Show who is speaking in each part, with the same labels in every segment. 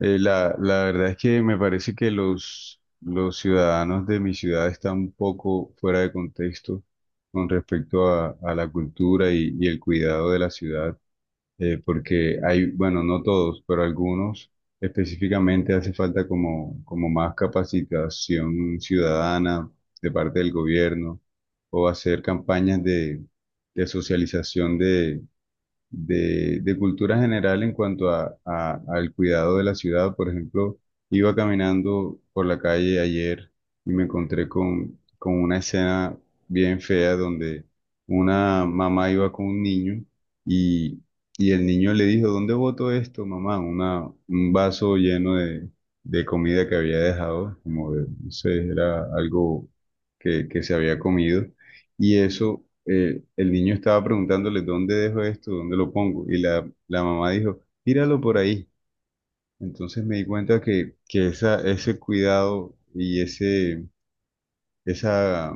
Speaker 1: La verdad es que me parece que los ciudadanos de mi ciudad están un poco fuera de contexto con respecto a la cultura y el cuidado de la ciudad, porque hay, bueno, no todos, pero algunos específicamente hace falta como más capacitación ciudadana de parte del gobierno o hacer campañas de socialización de cultura general en cuanto al cuidado de la ciudad. Por ejemplo, iba caminando por la calle ayer y me encontré con una escena bien fea donde una mamá iba con un niño y, y el niño le dijo, ¿dónde boto esto, mamá? Un vaso lleno de comida que había dejado, como de, no sé, era algo que se había comido. Y eso, el niño estaba preguntándole, ¿dónde dejo esto? ¿Dónde lo pongo? Y la mamá dijo, tíralo por ahí. Entonces me di cuenta que esa, ese cuidado y ese, esa,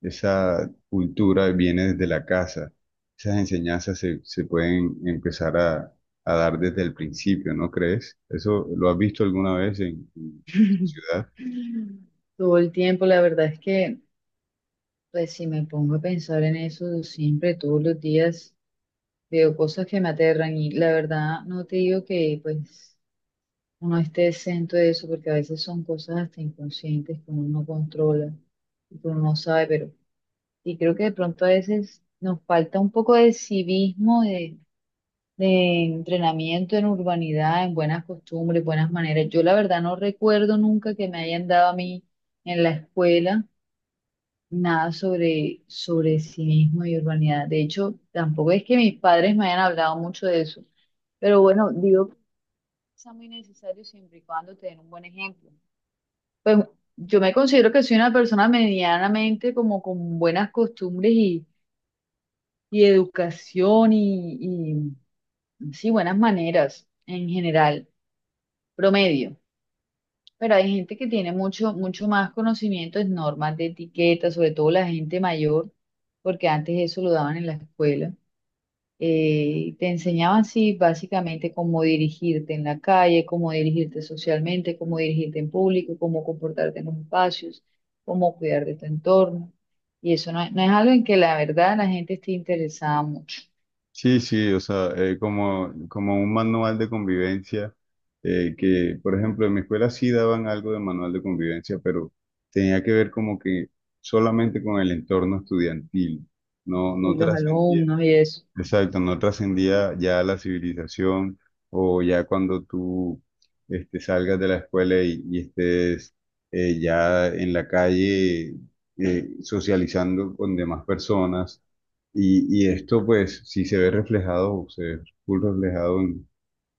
Speaker 1: esa cultura viene desde la casa. Esas enseñanzas se pueden empezar a dar desde el principio, ¿no crees? ¿Eso lo has visto alguna vez en tu ciudad?
Speaker 2: Todo el tiempo, la verdad es que, pues si me pongo a pensar en eso siempre, todos los días, veo cosas que me aterran y la verdad no te digo que pues uno esté exento de eso porque a veces son cosas hasta inconscientes que uno no controla y que uno no sabe, pero y creo que de pronto a veces nos falta un poco de civismo, de entrenamiento en urbanidad, en buenas costumbres, buenas maneras. Yo la verdad no recuerdo nunca que me hayan dado a mí en la escuela nada sobre civismo y urbanidad. De hecho, tampoco es que mis padres me hayan hablado mucho de eso. Pero bueno, digo que es muy necesario siempre y cuando te den un buen ejemplo. Pues yo me considero que soy una persona medianamente como con buenas costumbres y educación y sí, buenas maneras en general, promedio. Pero hay gente que tiene mucho más conocimiento en normas de etiqueta, sobre todo la gente mayor, porque antes eso lo daban en la escuela. Te enseñaban, sí, básicamente cómo dirigirte en la calle, cómo dirigirte socialmente, cómo dirigirte en público, cómo comportarte en los espacios, cómo cuidar de tu entorno. Y eso no, no es algo en que la verdad la gente esté interesada mucho,
Speaker 1: Sí, sí, o sea, como un manual de convivencia, que, por ejemplo, en mi escuela sí daban algo de manual de convivencia, pero tenía que ver como que solamente con el entorno estudiantil, no, no.
Speaker 2: y
Speaker 1: Mm.
Speaker 2: los
Speaker 1: Trascendía.
Speaker 2: alumnos y eso.
Speaker 1: Exacto, no trascendía ya a la civilización o ya cuando tú este, salgas de la escuela y estés ya en la calle, socializando con demás personas. Y esto pues si se ve reflejado, se ve full reflejado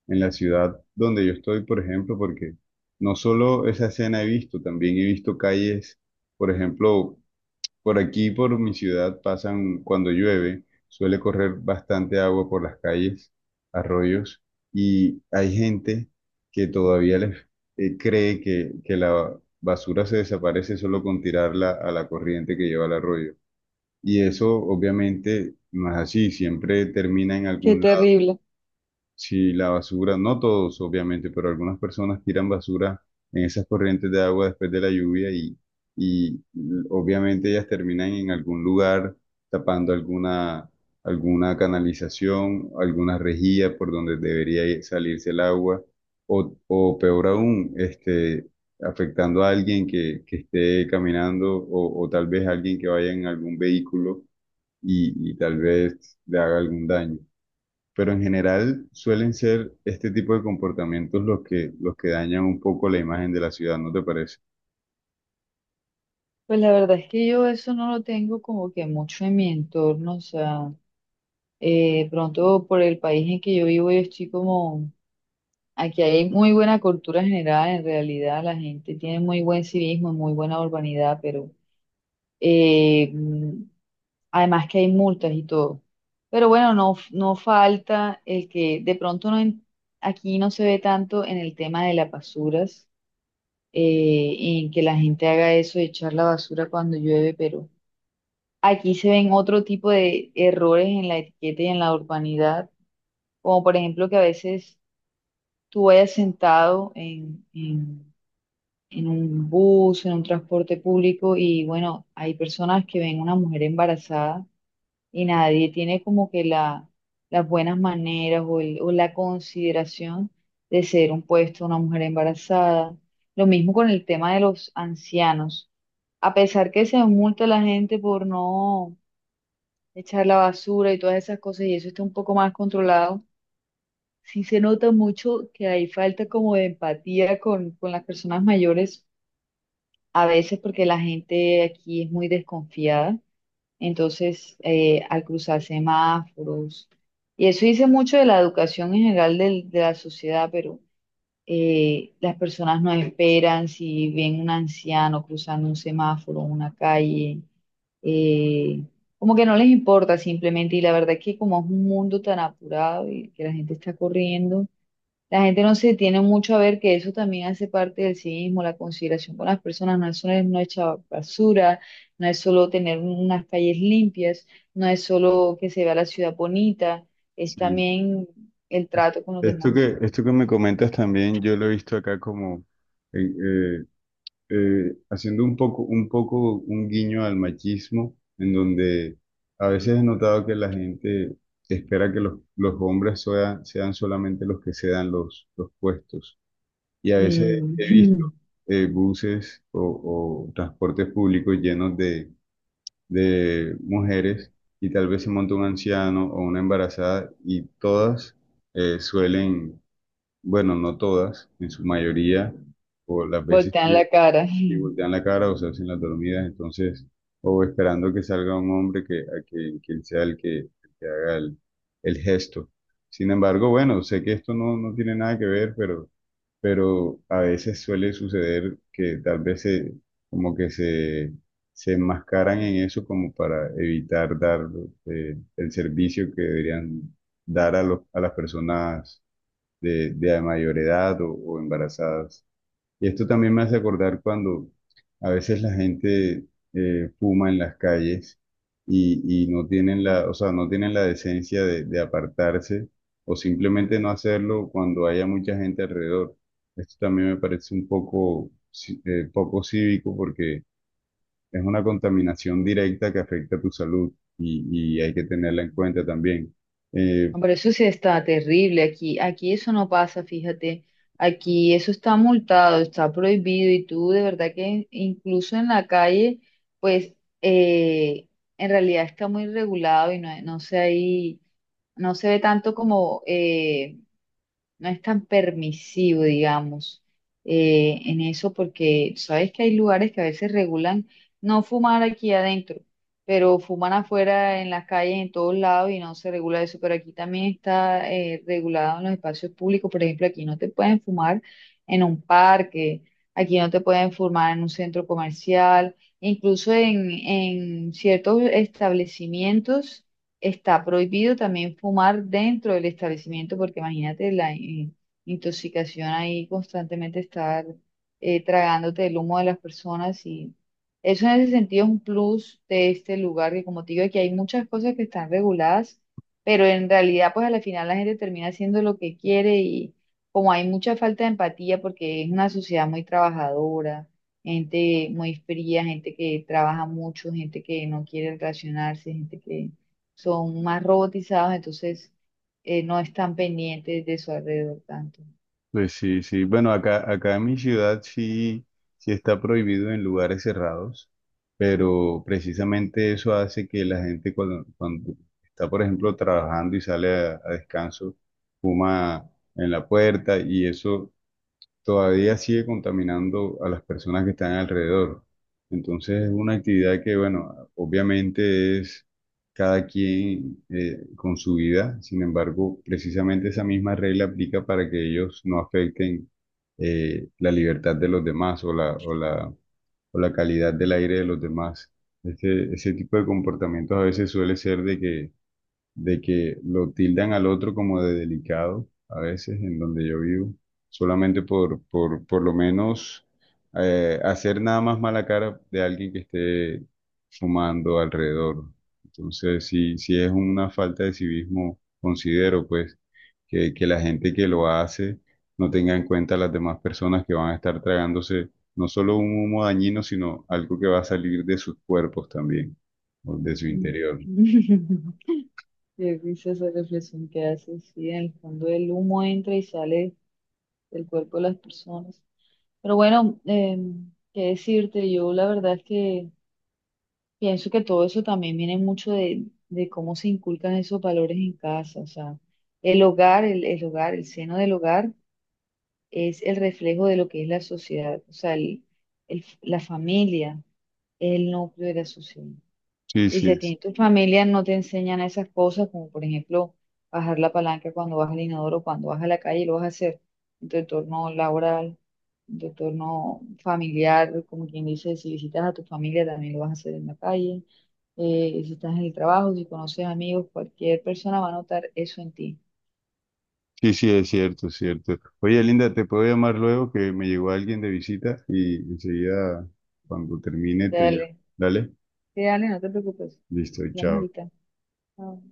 Speaker 1: en la ciudad donde yo estoy, por ejemplo, porque no solo esa escena he visto, también he visto calles, por ejemplo, por aquí, por mi ciudad, pasan cuando llueve, suele correr bastante agua por las calles, arroyos, y hay gente que todavía les cree que la basura se desaparece solo con tirarla a la corriente que lleva al arroyo. Y eso obviamente no es así, siempre termina en
Speaker 2: Qué
Speaker 1: algún...
Speaker 2: terrible.
Speaker 1: Sí, la basura, no todos obviamente, pero algunas personas tiran basura en esas corrientes de agua después de la lluvia y obviamente ellas terminan en algún lugar tapando alguna, alguna canalización, alguna rejilla por donde salirse el agua o peor aún, este, afectando a alguien que esté caminando o tal vez alguien que vaya en algún vehículo y tal vez le haga algún daño, pero en general suelen ser este tipo de comportamientos los que dañan un poco la imagen de la ciudad, ¿no te parece?
Speaker 2: Pues la verdad es que yo eso no lo tengo como que mucho en mi entorno, o sea, pronto por el país en que yo vivo, yo estoy como, aquí hay muy buena cultura general, en realidad la gente tiene muy buen civismo, muy buena urbanidad, pero eh, mm, además que hay multas y todo. Pero bueno, no, no falta el que de pronto no, aquí no se ve tanto en el tema de las basuras, en que la gente haga eso de echar la basura cuando llueve, pero... Aquí se ven otro tipo de errores en la etiqueta y en la urbanidad, como por ejemplo que a veces tú vayas sentado en un bus, en un transporte público y bueno, hay personas que ven una mujer embarazada y nadie tiene como que la, las buenas maneras o, o la consideración de ser un puesto una mujer embarazada. Lo mismo con el tema de los ancianos. A pesar que se multa a la gente por no echar la basura y todas esas cosas, y eso está un poco más controlado, sí se nota mucho que hay falta como de empatía con las personas mayores, a veces porque la gente aquí es muy desconfiada, entonces al cruzar semáforos, y eso dice mucho de la educación en general de la sociedad, pero las personas no esperan si ven un anciano cruzando un semáforo, una calle, eh, como que no les importa simplemente y la verdad es que como es un mundo tan apurado y que la gente está corriendo, la gente no se tiene mucho a ver que eso también hace parte del civismo, la consideración con las personas, no es solo no echar basura, no es solo tener unas calles limpias, no es solo que se vea la ciudad bonita, es
Speaker 1: Sí.
Speaker 2: también el trato con los demás.
Speaker 1: Esto que me comentas también, yo lo he visto acá como eh, eh, haciendo un poco, un poco un guiño al machismo, en donde a veces he notado que la gente espera que los hombres sean solamente los que cedan los puestos. Y a veces
Speaker 2: Mm.
Speaker 1: he visto buses o transportes públicos llenos de mujeres y tal vez se monta un anciano o una embarazada y todas suelen, bueno, no todas, en su mayoría, o las veces
Speaker 2: Voltean
Speaker 1: que
Speaker 2: la cara.
Speaker 1: si voltean la cara o se hacen las dormidas, entonces, o esperando que salga un hombre que, a que, que él sea el que haga el gesto. Sin embargo, bueno, sé que esto no, no tiene nada que ver, pero a veces suele suceder que tal vez se, como que se enmascaran en eso como para evitar dar el servicio que deberían dar a, los, a las personas de mayor edad o embarazadas. Y esto también me hace acordar cuando a veces la gente fuma en las calles y no tienen la, o sea, no tienen la decencia de apartarse o simplemente no hacerlo cuando haya mucha gente alrededor. Esto también me parece un poco, poco cívico porque es una contaminación directa que afecta a tu salud y hay que tenerla en cuenta también. Eh,
Speaker 2: Hombre, eso sí está terrible aquí. Aquí eso no pasa, fíjate. Aquí eso está multado, está prohibido y tú de verdad que incluso en la calle, pues eh, en realidad está muy regulado y no, no se ahí, no se ve tanto como no es tan permisivo, digamos, en eso, porque sabes que hay lugares que a veces regulan no fumar aquí adentro, pero fuman afuera en las calles, en todos lados, y no se regula eso, pero aquí también está regulado en los espacios públicos, por ejemplo, aquí no te pueden fumar en un parque, aquí no te pueden fumar en un centro comercial, incluso en ciertos establecimientos. Está prohibido también fumar dentro del establecimiento porque imagínate la intoxicación ahí constantemente estar tragándote el humo de las personas y eso en ese sentido es un plus de este lugar que como te digo aquí hay muchas cosas que están reguladas, pero en realidad pues a la final la gente termina haciendo lo que quiere y como hay mucha falta de empatía porque es una sociedad muy trabajadora, gente muy fría, gente que trabaja mucho, gente que no quiere relacionarse, gente que son más robotizados, entonces no están pendientes de su alrededor tanto.
Speaker 1: Pues sí, sí. Bueno, acá, acá en mi ciudad sí, sí está prohibido en lugares cerrados, pero precisamente eso hace que la gente cuando, cuando está, por ejemplo, trabajando y sale a descanso, fuma en la puerta y eso todavía sigue contaminando a las personas que están alrededor. Entonces es una actividad que, bueno, obviamente es cada quien con su vida, sin embargo, precisamente esa misma regla aplica para que ellos no afecten la libertad de los demás o la, o la, o la calidad del aire de los demás. Este, ese tipo de comportamientos a veces suele ser de que lo tildan al otro como de delicado a veces en donde yo vivo, solamente por lo menos hacer nada más mala cara de alguien que esté fumando alrededor. Entonces, si, si es una falta de civismo, considero pues que la gente que lo hace no tenga en cuenta a las demás personas que van a estar tragándose no solo un humo dañino, sino algo que va a salir de sus cuerpos también, o de su
Speaker 2: Mm.
Speaker 1: interior.
Speaker 2: Qué risa esa reflexión que haces, sí, en el fondo el humo entra y sale del cuerpo de las personas. Pero bueno, qué decirte, yo la verdad es que pienso que todo eso también viene mucho de cómo se inculcan esos valores en casa, o sea, el hogar, el hogar, el seno del hogar es el reflejo de lo que es la sociedad, o sea, la familia, el núcleo de la sociedad.
Speaker 1: Sí,
Speaker 2: Y si
Speaker 1: sí,
Speaker 2: a ti en tu familia no te enseñan esas cosas, como por ejemplo bajar la palanca cuando vas al inodoro, cuando vas a la calle, lo vas a hacer en tu entorno laboral, en tu entorno familiar, como quien dice, si visitas a tu familia también lo vas a hacer en la calle, si estás en el trabajo, si conoces amigos, cualquier persona va a notar eso en ti.
Speaker 1: sí, sí, es cierto, es cierto. Oye, Linda, te puedo llamar luego que me llegó alguien de visita y enseguida, cuando termine, te llamo.
Speaker 2: Dale,
Speaker 1: Dale,
Speaker 2: sí, dale, no te preocupes.
Speaker 1: listo,
Speaker 2: Hablamos
Speaker 1: chao.
Speaker 2: ahorita. Chao.